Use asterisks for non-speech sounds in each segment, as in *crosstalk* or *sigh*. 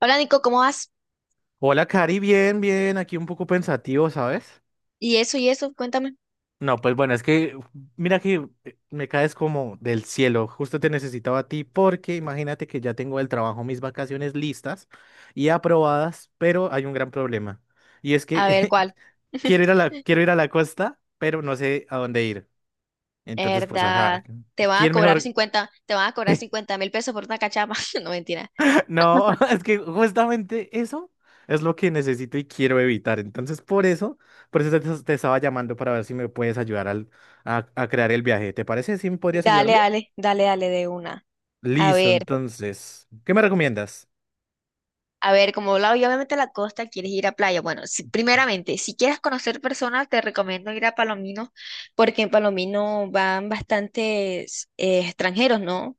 Hola Nico, ¿cómo vas? Hola, Cari, bien, bien, aquí un poco pensativo, ¿sabes? Y eso, cuéntame. No, pues bueno, es que mira que me caes como del cielo, justo te necesitaba a ti porque imagínate que ya tengo del trabajo mis vacaciones listas y aprobadas, pero hay un gran problema y es A ver, que ¿cuál? *laughs* *laughs* Quiero ir a la costa, pero no sé a dónde ir. Entonces, pues ajá, ¿Verdad? Te van a ¿quién cobrar mejor? 50 te van a cobrar *laughs* 50.000 pesos por una cachapa. *laughs* No, mentira. No, *laughs* es que justamente eso es lo que necesito y quiero evitar. Entonces, por eso te estaba llamando para ver si me puedes ayudar a crear el viaje. ¿Te parece? ¿Sí me podrías Dale, ayudarme? dale, dale, dale de una. A Listo, ver, entonces, ¿qué me recomiendas? a ver, como hablaba yo, obviamente a la costa, quieres ir a playa. Bueno, primeramente, si quieres conocer personas, te recomiendo ir a Palomino, porque en Palomino van bastantes extranjeros, ¿no?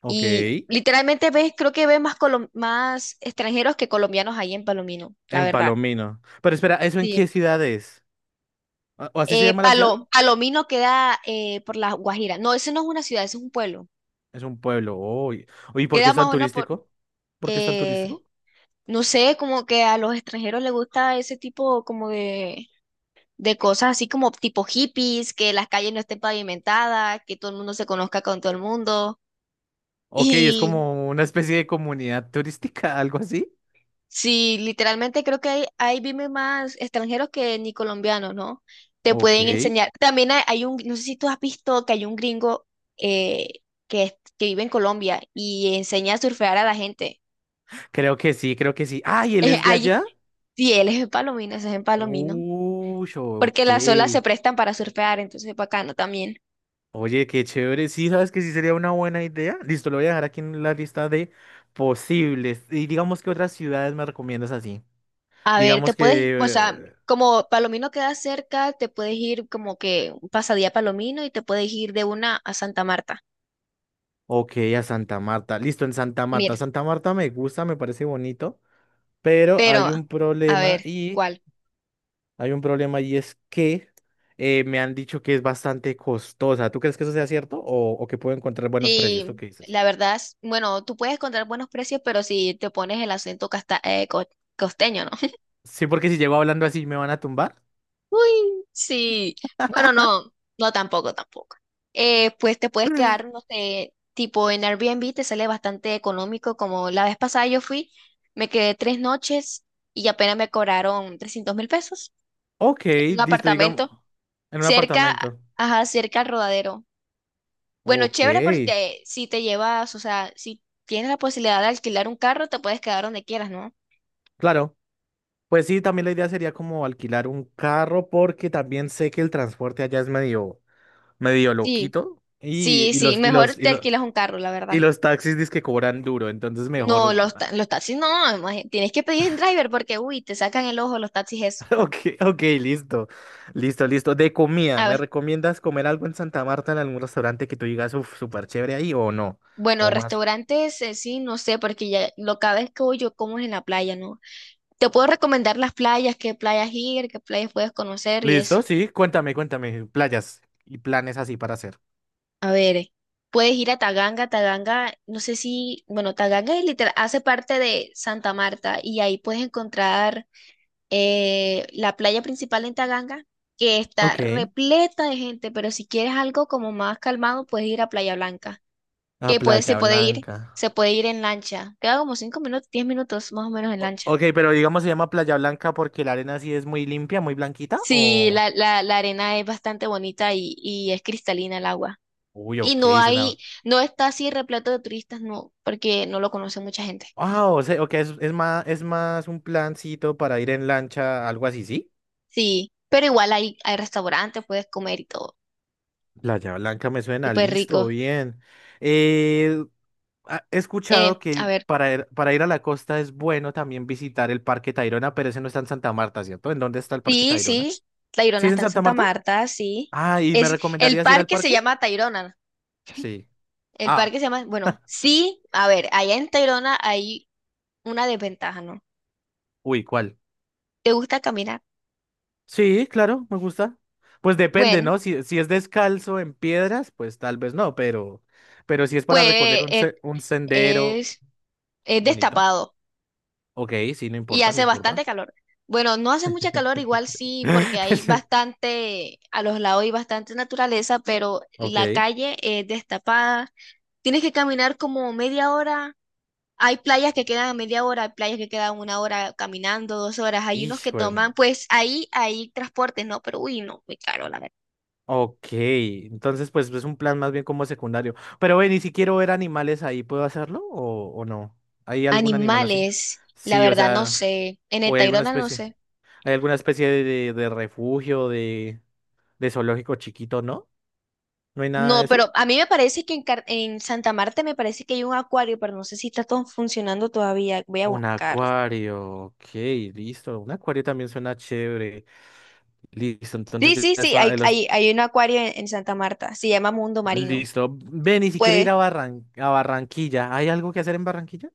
Ok, Y literalmente ves, creo que ves más extranjeros que colombianos ahí en Palomino, la en verdad. Palomino. Pero espera, ¿eso en Sí. qué ciudad es? ¿O así se llama la ciudad? Palomino queda por la Guajira. No, ese no es una ciudad, ese es un pueblo. Es un pueblo. Uy, uy, ¿por qué Queda es más tan o menos por, turístico? ¿Por qué es tan eh, turístico? no sé, como que a los extranjeros les gusta ese tipo como de cosas así como tipo hippies, que las calles no estén pavimentadas, que todo el mundo se conozca con todo el mundo. Ok, es como una especie de comunidad turística, *laughs* algo así. Sí, literalmente creo que ahí viven más extranjeros que ni colombianos, ¿no? Te Ok. pueden enseñar. También hay un, no sé si tú has visto que hay un gringo eh, que vive en Colombia y enseña a surfear a la gente. *laughs* Creo que sí, creo que sí. ¡Ay, él Eh, es de Hay, allá! sí, él es en Palomino, ese es en Palomino. Uy, ok. Porque las olas se prestan para surfear, entonces es bacano también. Oye, qué chévere. Sí, sabes que sí sería una buena idea. Listo, lo voy a dejar aquí en la lista de posibles. Y digamos que otras ciudades me recomiendas así. A ver, te Digamos que. puedes, o sea, eh, como Palomino queda cerca, te puedes ir como que un pasadía a Palomino y te puedes ir de una a Santa Marta. Ok, a Santa Marta. Listo, en Santa Marta. Mira. Santa Marta me gusta, me parece bonito. Pero Pero, hay un a problema ver, y. ¿cuál? Hay un problema y es que me han dicho que es bastante costosa. ¿Tú crees que eso sea cierto? O que puedo encontrar buenos precios? ¿Tú Sí, qué dices? la verdad, bueno, tú puedes encontrar buenos precios, pero si te pones el acento costeño, ¿no? *laughs* Sí, porque si llego hablando así, ¿me van a tumbar? Uy, sí. Bueno, no, no tampoco, tampoco. Pues te puedes quedar, no sé, tipo en Airbnb te sale bastante económico, como la vez pasada yo fui, me quedé 3 noches y apenas me cobraron 300.000 pesos Ok, en un listo, digamos, apartamento en un cerca, apartamento. ajá, cerca al rodadero. Bueno, Ok, chévere porque si te llevas, o sea, si tienes la posibilidad de alquilar un carro, te puedes quedar donde quieras, ¿no? claro. Pues sí, también la idea sería como alquilar un carro porque también sé que el transporte allá es medio, medio Sí, loquito sí, y, sí, mejor te alquilas un carro, la y verdad. los taxis dizque cobran duro, entonces No, mejor. Los *laughs* taxis no, tienes que pedir en driver porque, uy, te sacan el ojo los taxis eso. Ok, ok, listo, listo, listo. De comida, A ¿me ver, recomiendas comer algo en Santa Marta en algún restaurante que tú digas, uff, súper chévere ahí o no? bueno, O más. restaurantes, sí, no sé, porque ya lo cada vez que voy yo como es en la playa, ¿no? Te puedo recomendar las playas, qué playas ir, qué playas puedes conocer y eso. ¿Listo? Sí, cuéntame, cuéntame. Playas y planes así para hacer. A ver, puedes ir a Taganga, Taganga, no sé si, bueno, Taganga es literal, hace parte de Santa Marta y ahí puedes encontrar la playa principal en Taganga, que está Ok. repleta de gente, pero si quieres algo como más calmado, puedes ir a Playa Blanca, A que puede, Playa Blanca. se puede ir en lancha, queda como 5 minutos, 10 minutos más o menos en O- lancha. ok, pero digamos se llama Playa Blanca porque la arena sí es muy limpia, muy blanquita, Sí, o... la arena es bastante bonita y es cristalina el agua. Uy, Y ok, no hay, suena... no está así repleto de turistas, no, porque no lo conoce mucha gente. Ah, o sea, ok, es, es más un plancito para ir en lancha, algo así, ¿sí? Sí, pero igual hay restaurantes, puedes comer y todo. Playa Blanca me suena, Súper rico. listo, bien. Eh, he escuchado A que ver, para ir a la costa es bueno también visitar el Parque Tayrona, pero ese no está en Santa Marta, ¿cierto? ¿En dónde está el Parque sí, Tayrona? sí, ¿Sí Tayrona es en está en Santa Santa Marta? Marta, sí. Ah, ¿y me Es, el recomendarías ir al parque se parque? llama Tayrona. Sí. El Ah, parque se llama, bueno, sí, a ver, allá en Tayrona hay una desventaja, ¿no? uy, ¿cuál? ¿Te gusta caminar? Sí, claro, me gusta. Pues depende, Bueno, ¿no? Si, si es descalzo en piedras, pues tal vez no, pero si es pues para recorrer eh, un sendero es, es bonito. destapado. Ok, sí, no Y importa, no hace importa. bastante calor. Bueno, no hace mucha calor, igual sí, porque hay *laughs* bastante, a los lados hay bastante naturaleza, pero la Ok. calle es destapada. Tienes que caminar como media hora. Hay playas que quedan a media hora, hay playas que quedan 1 hora caminando, 2 horas. Hay unos que Hijo, de toman, pues ahí hay transportes, ¿no? Pero uy, no, muy caro, la verdad. ok. Entonces, pues es un plan más bien como secundario. Pero ven, y si quiero ver animales ahí, ¿puedo hacerlo o no? ¿Hay algún animal así? Animales, la Sí, o verdad, no sea, sé. En el o hay alguna Tayrona no especie. sé. ¿Hay alguna especie de refugio, de zoológico chiquito, no? ¿No hay nada de No, eso? pero a mí me parece que en Santa Marta me parece que hay un acuario, pero no sé si está todo funcionando todavía. Voy a Un buscar. acuario, ok, listo. Un acuario también suena chévere. Listo, entonces Sí, ya sí, sí, está. hay, Los... hay, hay un acuario en Santa Marta, se llama Mundo Marino. Listo. Ve, ni siquiera ir Pues, a Barran... a Barranquilla. ¿Hay algo que hacer en Barranquilla?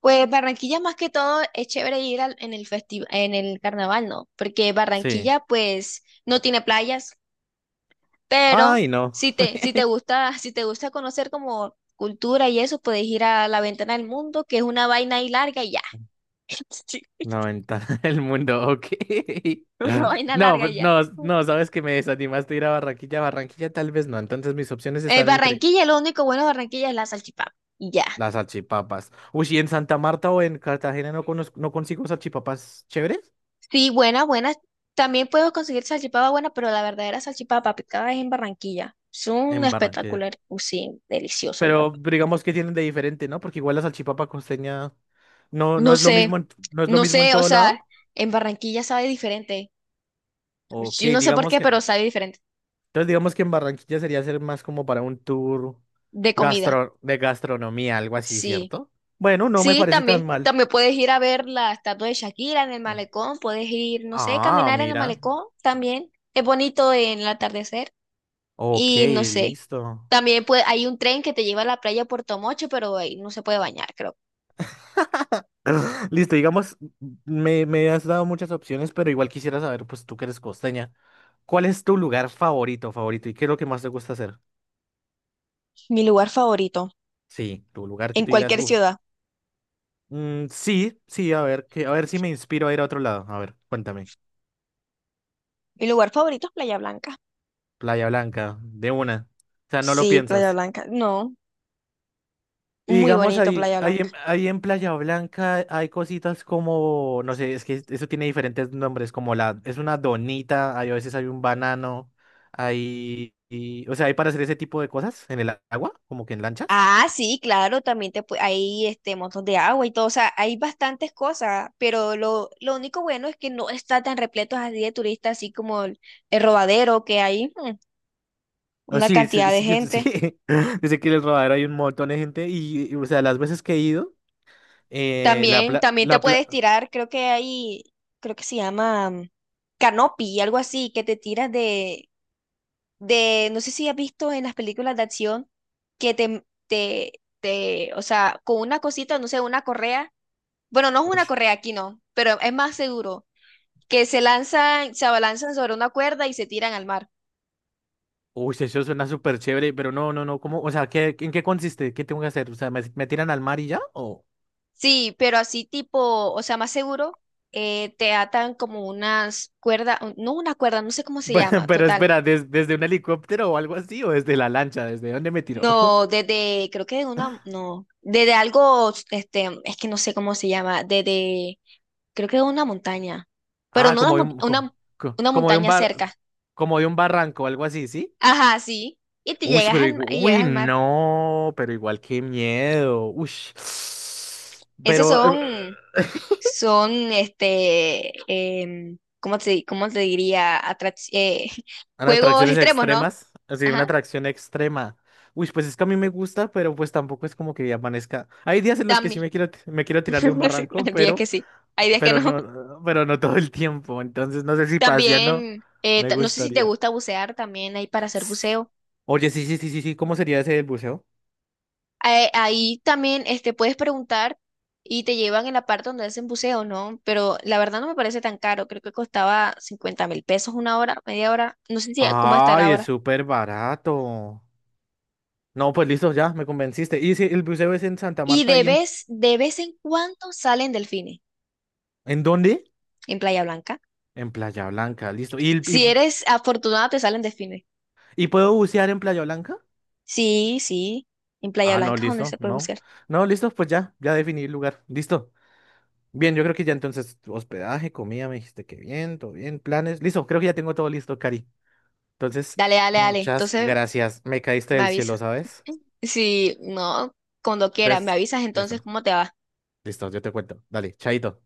pues Barranquilla más que todo es chévere ir en el en el carnaval, ¿no? Porque Sí. Barranquilla pues no tiene playas, pero Ay, no. Si te gusta conocer como cultura y eso, puedes ir a la Ventana del Mundo, que es una vaina ahí larga y ya. *laughs* Sí, La ventana *laughs* del mundo, ok. una vaina No, larga pues, y ya. no, no, sabes que me desanimaste a ir a Barranquilla. Barranquilla tal vez no. Entonces mis opciones están entre Barranquilla, lo único bueno de Barranquilla es la salchipapa. Y ya. las salchipapas. Uy, ¿y en Santa Marta o en Cartagena no, no consigo salchipapas chéveres? Sí, buena, buena. También puedo conseguir salchipapa buena, pero la verdadera salchipapa picada es en Barranquilla. Es un En Barranquilla. espectacular, sí, delicioso. La verdad. Pero digamos que tienen de diferente, ¿no? Porque igual la salchipapa costeña No no es lo sé, mismo en, no es lo no mismo en sé, o todo lado. sea, en Barranquilla sabe diferente. Ok, Yo no sé por digamos qué, que. pero Entonces sabe diferente. digamos que en Barranquilla sería ser más como para un tour De comida, gastro, de gastronomía, algo así, sí. ¿cierto? Bueno, no me Sí, parece tan también. mal. También puedes ir a ver la estatua de Shakira en el malecón, puedes ir, no sé, Ah, caminar en el mira. malecón también. Es bonito en el atardecer. Ok, Y no sé. listo. También hay un tren que te lleva a la playa Puerto Mocho, pero ahí no se puede bañar, creo. Listo, digamos, me has dado muchas opciones, pero igual quisiera saber, pues tú que eres costeña, ¿cuál es tu lugar favorito, favorito? ¿Y qué es lo que más te gusta hacer? Mi lugar favorito, Sí, tu lugar que en tú digas, cualquier uff, ciudad. sí, sí, a ver, que, a ver si me inspiro a ir a otro lado. A ver, cuéntame. Mi lugar favorito es Playa Blanca. Playa Blanca, de una. O sea, no lo Sí, Playa piensas. Blanca. No, Y muy digamos bonito ahí, Playa Blanca. Ahí en Playa Blanca hay cositas como, no sé, es que eso tiene diferentes nombres, como la, es una donita, hay, a veces hay un banano, o sea, hay para hacer ese tipo de cosas en el agua, como que en lanchas. Ah, sí, claro, hay este montón de agua y todo, o sea, hay bastantes cosas, pero lo único bueno es que no está tan repleto así de turistas, así como el Rodadero, que hay Ah, una sí, sí, cantidad de sí, yo- sí. gente. *laughs* Dice que en el rodadero hay un montón de gente y, o sea, las veces que he ido, eh, la También, pla, también te la pla, puedes tirar, creo que hay, creo que se llama canopy, algo así, que te tiras no sé si has visto en las películas de acción, que te, o sea, con una cosita, no sé, una correa, bueno, no es uy, una correa aquí, no, pero es más seguro, que se lanzan, se abalanzan sobre una cuerda y se tiran al mar. uy, eso suena súper chévere, pero no, no, no, ¿cómo? O sea, ¿qué, en qué consiste? ¿Qué tengo que hacer? O sea, ¿me, me tiran al mar y ya? Sí, pero así tipo, o sea, más seguro, te atan como unas cuerdas, no una cuerda, no sé cómo se Bueno, *laughs* llama, pero total. espera, ¿desde un helicóptero o algo así? ¿O desde la lancha? ¿Desde dónde me tiró? No, *laughs* desde, creo que de una, no, desde algo, este, es que no sé cómo se llama, desde, creo que de una montaña, pero Ah, no una, como de un, co- co- una como de un montaña bar, cerca. como de un barranco o algo así, ¿sí? Ajá, sí, Uy, pero igu- y llegas uy, al mar. no, pero igual qué miedo. Uy. *sighs* Esos Pero, este, ¿cómo te diría? *laughs* A las juegos atracciones extremos, ¿no? extremas. Así, una Ajá, atracción extrema. Uy, pues es que a mí me gusta, pero pues tampoco es como que amanezca. Hay días en los que sí también. Me quiero tirar de un *laughs* Sí, barranco, hay días que sí, hay días que no. Pero no todo el tiempo. Entonces no sé si paseando También, me no sé si te gustaría. gusta bucear, también hay para hacer S- buceo. Oye, sí, sí, sí, sí, sí. ¿Cómo sería ese del buceo? Ahí también este, puedes preguntar y te llevan en la parte donde hacen buceo, ¿no? Pero la verdad no me parece tan caro, creo que costaba 50.000 pesos 1 hora, media hora, no sé si cómo estará Ay, es ahora. súper barato. No, pues listo, ya, me convenciste. Y si el buceo es en Santa Y Marta de y vez, de vez en cuando salen delfines ¿en dónde? en Playa Blanca. En Playa Blanca, listo. ¿Y, Si eres afortunada, te salen delfines. y puedo bucear en Playa Blanca? Sí, sí, en Playa Ah, no, Blanca es donde listo, se puede no. bucear. No, listo, pues ya, ya definí el lugar. Listo. Bien, yo creo que ya entonces hospedaje, comida, me dijiste que bien, todo bien, planes. Listo, creo que ya tengo todo listo, Cari. Entonces, Dale, dale, dale. muchas Entonces gracias. Me caíste me del cielo, avisa. ¿sabes? Si no, cuando quieras, me Entonces, avisas entonces listo, cómo te va. listo, yo te cuento. Dale, chaito.